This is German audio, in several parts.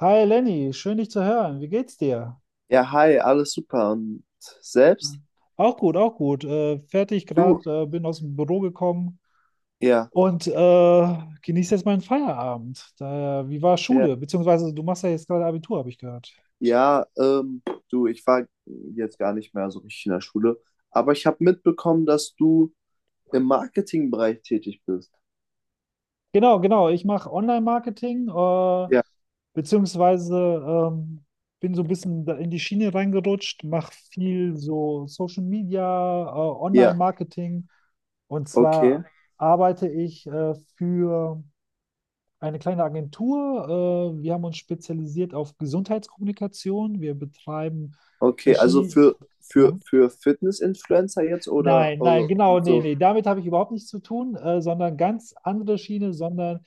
Hi Lenny, schön dich zu hören. Wie geht's dir? Ja, hi, alles super. Und selbst? Auch gut, auch gut. Fertig Du? gerade, bin aus dem Büro gekommen Ja, und genieße jetzt meinen Feierabend. Daher, wie war ja. Schule? Beziehungsweise du machst ja jetzt gerade Abitur, habe ich gehört. Ja, ähm, du, ich war jetzt gar nicht mehr so richtig in der Schule, aber ich habe mitbekommen, dass du im Marketingbereich tätig bist. Genau, genau. Ich mache Online-Marketing, Ja, beziehungsweise ähm, bin so ein bisschen da in die Schiene reingerutscht, mache viel so Social Media, ja, Online-Marketing. Und okay, zwar arbeite ich für eine kleine Agentur. Wir haben uns spezialisiert auf Gesundheitskommunikation. Wir betreiben okay. Also verschiedene. Ja? für Fitness-Influencer jetzt oder Nein, nein, genau, und nee, so? nee, damit habe ich überhaupt nichts zu tun, sondern ganz andere Schiene, sondern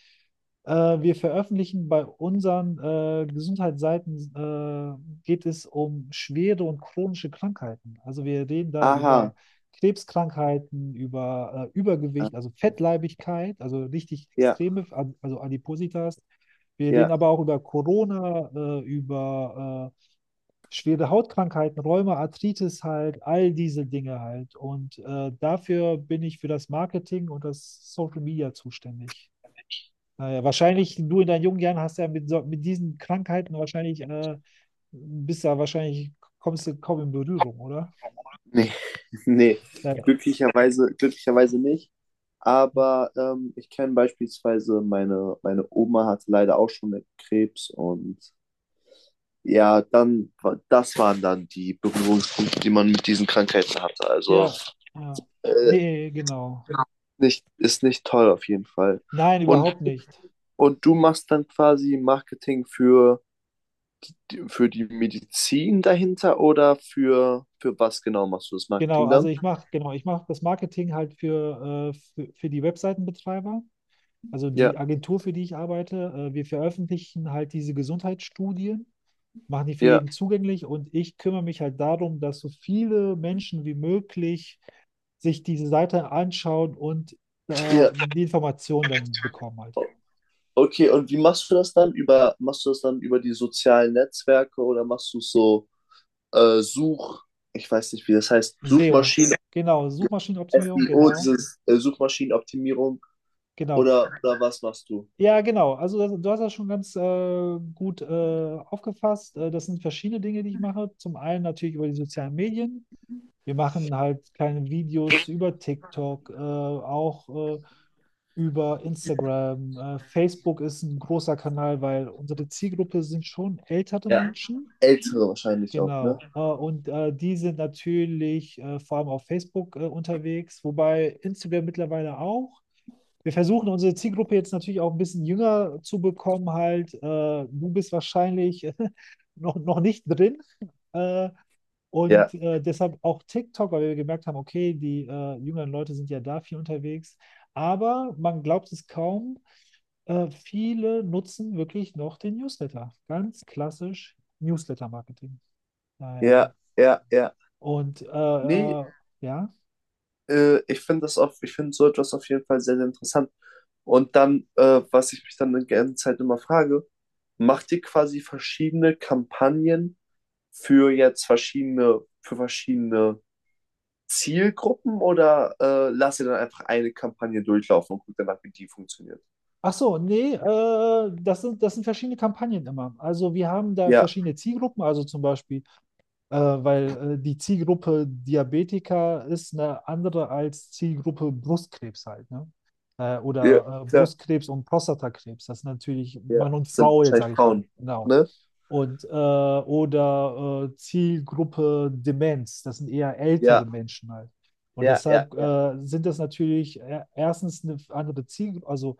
wir veröffentlichen bei unseren Gesundheitsseiten, geht es um schwere und chronische Krankheiten. Also wir reden da Aha, über Krebskrankheiten, über ah, Übergewicht, also okay. Fettleibigkeit, also richtig Ja, extreme, also Adipositas. Wir reden ja. aber auch über Corona, über schwere Hautkrankheiten, Rheuma, Arthritis halt, all diese Dinge halt. Und dafür bin ich für das Marketing und das Social Media zuständig. Naja, wahrscheinlich, du in deinen jungen Jahren hast ja mit, so, mit diesen Krankheiten wahrscheinlich, bist ja wahrscheinlich, kommst du kaum in Berührung, oder? Nee, nee, Ja, glücklicherweise, glücklicherweise nicht. Aber ich kenne beispielsweise meine Oma hatte leider auch schon Krebs und ja, dann, das waren dann die Berührungspunkte, die man mit diesen Krankheiten hatte. Also ja. Ja. äh, Nee, genau. nicht, ist nicht toll auf jeden Fall. Nein, Und, überhaupt nicht. und du machst dann quasi Marketing für, für die Medizin dahinter oder für was genau machst du das Genau, Marketing also dann? ich mache, genau, ich mache das Marketing halt für die Webseitenbetreiber, also Ja, die Agentur, für die ich arbeite. Wir veröffentlichen halt diese Gesundheitsstudien, machen die für ja, jeden zugänglich und ich kümmere mich halt darum, dass so viele Menschen wie möglich sich diese Seite anschauen und ja. die Informationen dann bekommen halt. Okay, und wie machst du das dann? Über, machst du das dann über die sozialen Netzwerke oder machst du es so Such, ich weiß nicht, wie das heißt, SEO, Suchmaschinen, genau, Suchmaschinenoptimierung, SEO, genau, dieses Suchmaschinenoptimierung genau. Oder was machst du? Ja, genau. Also das, du hast das schon ganz gut aufgefasst. Das sind verschiedene Dinge, die ich mache. Zum einen natürlich über die sozialen Medien. Wir machen halt kleine Videos über TikTok, auch äh, über Instagram. Facebook ist ein großer Kanal, weil unsere Zielgruppe sind schon ältere Ja. Menschen. Ältere wahrscheinlich auch, ne? Genau. Und die sind natürlich vor allem auf Facebook unterwegs, wobei Instagram mittlerweile auch wir versuchen unsere Zielgruppe jetzt natürlich auch ein bisschen jünger zu bekommen, halt. Du bist wahrscheinlich noch nicht drin. Äh, Ja, und deshalb auch TikTok, weil wir gemerkt haben, okay, die jüngeren Leute sind ja da viel unterwegs. Aber man glaubt es kaum, viele nutzen wirklich noch den Newsletter. Ganz klassisch Newsletter-Marketing. ja, Naja. ja, ja. Und Nee, ja. Ich finde das auf, ich finde so etwas auf jeden Fall sehr, sehr interessant. Und dann, was ich mich dann die ganze Zeit immer frage, macht ihr quasi verschiedene Kampagnen für jetzt verschiedene, für verschiedene Zielgruppen oder lasst ihr dann einfach eine Kampagne durchlaufen und guckt danach, wie die funktioniert? Ach so, nee, das sind verschiedene Kampagnen immer. Also wir haben da Ja, verschiedene Zielgruppen, also zum Beispiel äh, weil die Zielgruppe Diabetiker ist eine andere als Zielgruppe Brustkrebs halt, ne? Ja, Oder ja, Brustkrebs und Prostatakrebs. Das ist natürlich ja. Mann und Das sind Frau jetzt, wahrscheinlich sage ich mal. Frauen, Genau. ne? Und oder Zielgruppe Demenz. Das sind eher ältere Ja, Menschen halt. Und ja, ja, deshalb ja, sind das natürlich erstens eine andere Zielgruppe, also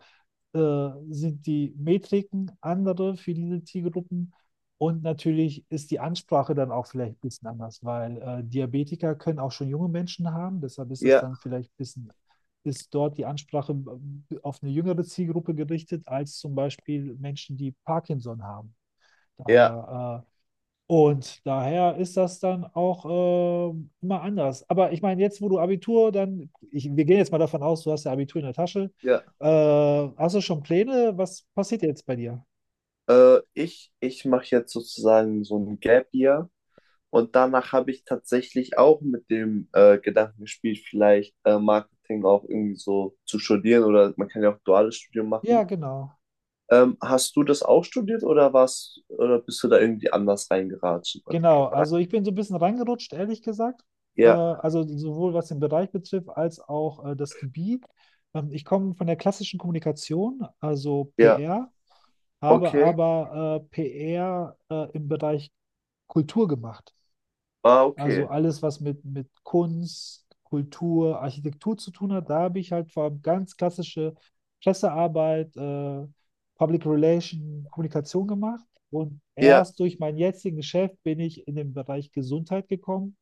sind die Metriken andere für diese Zielgruppen und natürlich ist die Ansprache dann auch vielleicht ein bisschen anders, weil Diabetiker können auch schon junge Menschen haben. Deshalb ist es ja, dann vielleicht ein bisschen, ist dort die Ansprache auf eine jüngere Zielgruppe gerichtet, als zum Beispiel Menschen, die Parkinson haben. ja, Daher, und daher ist das dann auch immer anders. Aber ich meine, jetzt, wo du Abitur dann, ich, wir gehen jetzt mal davon aus, du hast ja Abitur in der Tasche. ja. Äh, hast du schon Pläne? Was passiert jetzt bei dir? Ich ich mache jetzt sozusagen so ein Gap Year und danach habe ich tatsächlich auch mit dem Gedanken gespielt, vielleicht Marketing auch irgendwie so zu studieren, oder man kann ja auch duales Studium Ja, machen. genau. Hast du das auch studiert oder warst oder bist du da irgendwie anders reingeraten? Genau, also ich bin so ein bisschen reingerutscht, ehrlich gesagt. Ja, Also sowohl was den Bereich betrifft, als auch das Gebiet. Ich komme von der klassischen Kommunikation, also ja, PR, habe okay. aber PR im Bereich Kultur gemacht. Ah, Also okay. alles, was mit Kunst, Kultur, Architektur zu tun hat, da habe ich halt vor allem ganz klassische Pressearbeit, Public Relation, Kommunikation gemacht. Und Ja, erst durch mein jetziges Geschäft bin ich in den Bereich Gesundheit gekommen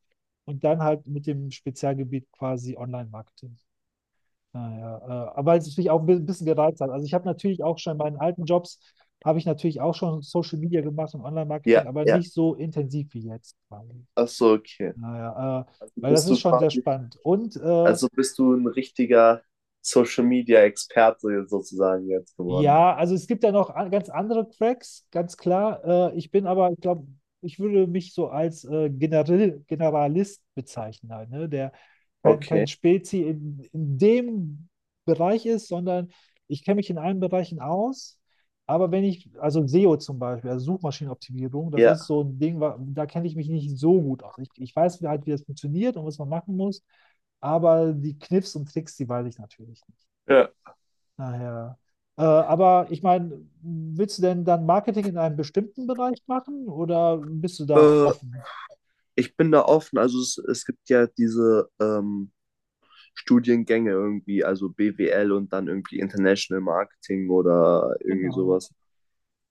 und dann halt mit dem Spezialgebiet quasi Online-Marketing. Naja, aber es ist mich auch ein bisschen gereizt hat. Also ich habe natürlich auch schon in meinen alten Jobs, habe ich natürlich auch schon Social Media gemacht und Online-Marketing, ja, aber ja. nicht so intensiv wie jetzt quasi. Ach so, okay. Naja, Also weil das bist ist du schon sehr quasi, spannend. Und also bist du ein richtiger Social Media Experte sozusagen jetzt geworden. ja, also es gibt ja noch an- ganz andere Cracks, ganz klar. Ich bin aber, ich glaube, ich würde mich so als Generalist bezeichnen, halt, ne? Der kein Okay. Spezi in dem Bereich ist, sondern ich kenne mich in allen Bereichen aus. Aber wenn ich, also SEO zum Beispiel, also Suchmaschinenoptimierung, das ist Ja. so ein Ding, da kenne ich mich nicht so gut aus. Ich weiß halt, wie das funktioniert und was man machen muss, aber die Kniffs und Tricks, die weiß ich natürlich nicht. Ja. Naja. Aber ich meine, willst du denn dann Marketing in einem bestimmten Bereich machen oder bist du da Äh, offen? Ich bin da offen. Also es gibt ja diese Studiengänge irgendwie, also BWL und dann irgendwie International Marketing oder irgendwie Genau. sowas.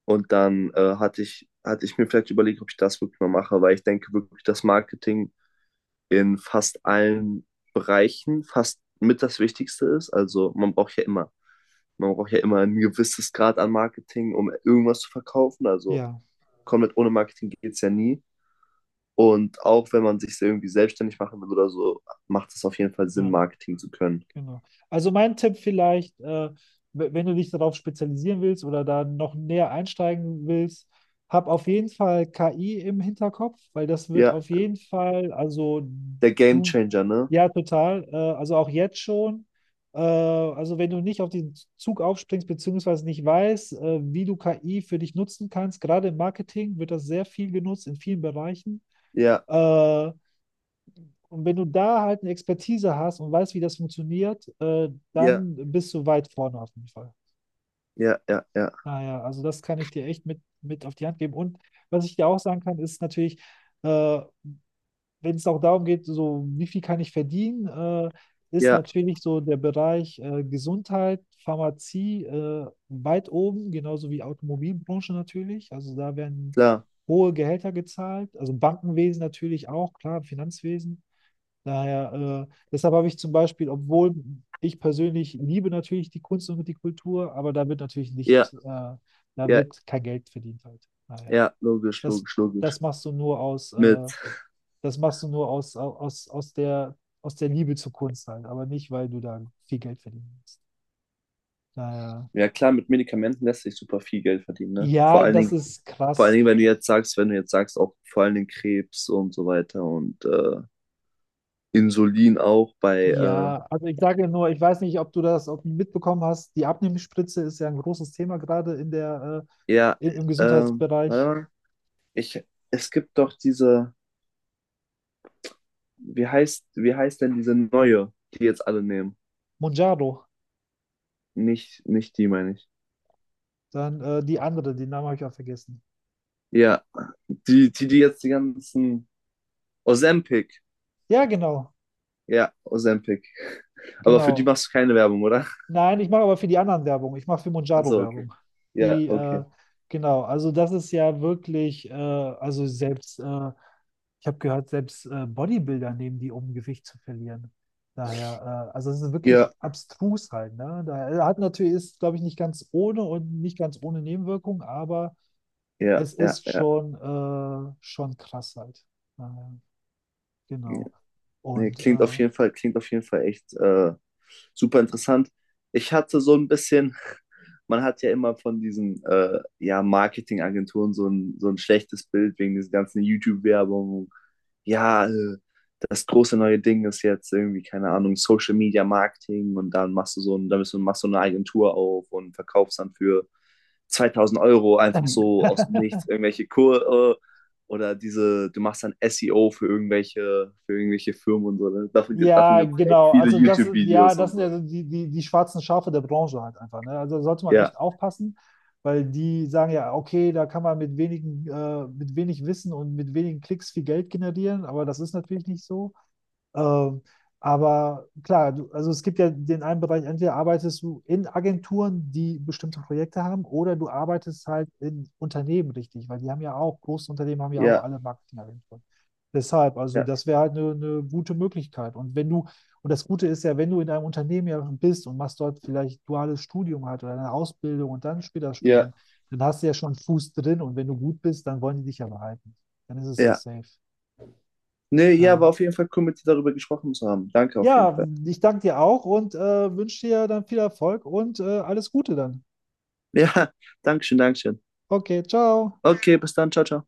Und dann hatte ich mir vielleicht überlegt, ob ich das wirklich mal mache, weil ich denke wirklich, dass Marketing in fast allen Bereichen fast mit das Wichtigste ist. Also man braucht ja immer ein gewisses Grad an Marketing, um irgendwas zu verkaufen. Also Ja. komplett ohne Marketing geht es ja nie. Und auch wenn man sich irgendwie selbstständig machen will oder so, macht es auf jeden Fall Sinn, Ja. Marketing zu können. Genau. Also mein Tipp vielleicht, wenn du dich darauf spezialisieren willst oder da noch näher einsteigen willst, hab auf jeden Fall KI im Hinterkopf, weil das wird Ja, auf jeden Fall, also der du, Gamechanger, ne? ja, total, also auch jetzt schon. Also wenn du nicht auf den Zug aufspringst, beziehungsweise nicht weißt, wie du KI für dich nutzen kannst, gerade im Marketing wird das sehr viel genutzt in vielen Bereichen. Ja, Äh, und wenn du da halt eine Expertise hast und weißt, wie das funktioniert, ja, dann bist du weit vorne auf jeden Fall. ja, ja, ja, Naja, also das kann ich dir echt mit auf die Hand geben. Und was ich dir auch sagen kann, ist natürlich, äh, wenn es auch darum geht, so wie viel kann ich verdienen, ist ja, natürlich so der Bereich Gesundheit, Pharmazie weit oben, genauso wie Automobilbranche natürlich. Also da werden klar, hohe Gehälter gezahlt, also Bankenwesen natürlich auch, klar, Finanzwesen. Daher, deshalb habe ich zum Beispiel, obwohl ich persönlich liebe natürlich die Kunst und die Kultur, aber da wird natürlich nicht, ja, da ja. wird kein Geld verdient halt. Daher, Ja, logisch, das, logisch, logisch. das machst du nur aus, Mit, das machst du nur aus, aus der Liebe zur Kunst halt, aber nicht, weil du da viel Geld verdienen willst. Daher, ja klar, mit Medikamenten lässt sich super viel Geld verdienen, ne? Vor ja, allen das Dingen, ist krass. Wenn du jetzt sagst, auch vor allen Dingen Krebs und so weiter und Insulin auch bei, Ja, also ich sage ja nur, ich weiß nicht, ob du das ob du mitbekommen hast. Die Abnehmspritze ist ja ein großes Thema gerade in der, ja, im warte Gesundheitsbereich. mal. Ich, es gibt doch diese, wie heißt denn diese neue, die jetzt alle nehmen? Monjaro. Nicht, nicht die, meine ich. Dann die andere, den Namen habe ich auch vergessen. Ja, die jetzt die ganzen, Ozempic. Ja, Ja, Ozempic. Aber für die genau. machst du keine Werbung, oder? Nein, ich mache aber für die anderen Werbung. Ich mache für Monjaro Also, okay. Werbung. Ja, Die, okay. genau, also das ist ja wirklich, also selbst, ich habe gehört, selbst Bodybuilder nehmen die, um Gewicht zu verlieren. Daher, also es ist wirklich Ja, abstrus halt, ne? Daher hat natürlich, ist, glaube ich, nicht ganz ohne und nicht ganz ohne Nebenwirkung, aber ja, es ja, ist ja. schon, schon krass halt. Daher. Ja. Genau. Nee, Und klingt auf jeden Fall echt super interessant. Ich hatte so ein bisschen. Man hat ja immer von diesen ja, Marketingagenturen so ein schlechtes Bild wegen dieser ganzen YouTube-Werbung. Ja, das große neue Ding ist jetzt irgendwie, keine Ahnung, Social Media Marketing, und dann machst du so ein, dann bist du, machst du eine Agentur auf und verkaufst dann für 2000€ einfach so aus dem Nichts irgendwelche Kurse oder diese, du machst dann SEO für für irgendwelche Firmen und so. Ne? Davon, davon ja, gibt es echt genau. viele Also das, ist- ja, YouTube-Videos das und sind ja so. so die schwarzen Schafe der Branche halt einfach. Ne? Also da sollte man Ja, echt aufpassen, weil die sagen ja, okay, da kann man mit wenigen, mit wenig Wissen und mit wenigen Klicks viel Geld generieren, aber das ist natürlich nicht so. Ähm, aber klar, du, also es gibt ja den einen Bereich, entweder arbeitest du in Agenturen, die bestimmte Projekte haben, oder du arbeitest halt in Unternehmen richtig, weil die haben ja auch, große Unternehmen haben ja auch ja, alle Marketingagenturen. Deshalb, also ja, das wäre halt eine gute Möglichkeit. Und wenn du, und das Gute ist ja, wenn du in einem Unternehmen ja bist und machst dort vielleicht duales Studium halt oder eine Ausbildung und dann später ja, Studium, dann hast du ja schon einen Fuß drin und wenn du gut bist, dann wollen die dich ja behalten. Dann ist es ja ja. safe. Nee, ja, Naja. war auf jeden Fall cool, mit dir darüber gesprochen zu haben. Danke auf Ja, jeden Fall. Ja, ich danke dir auch und wünsche dir dann viel Erfolg und alles Gute dann. Ja, Dankeschön, Dankeschön. Okay, ciao. Okay, bis dann, ciao, ciao.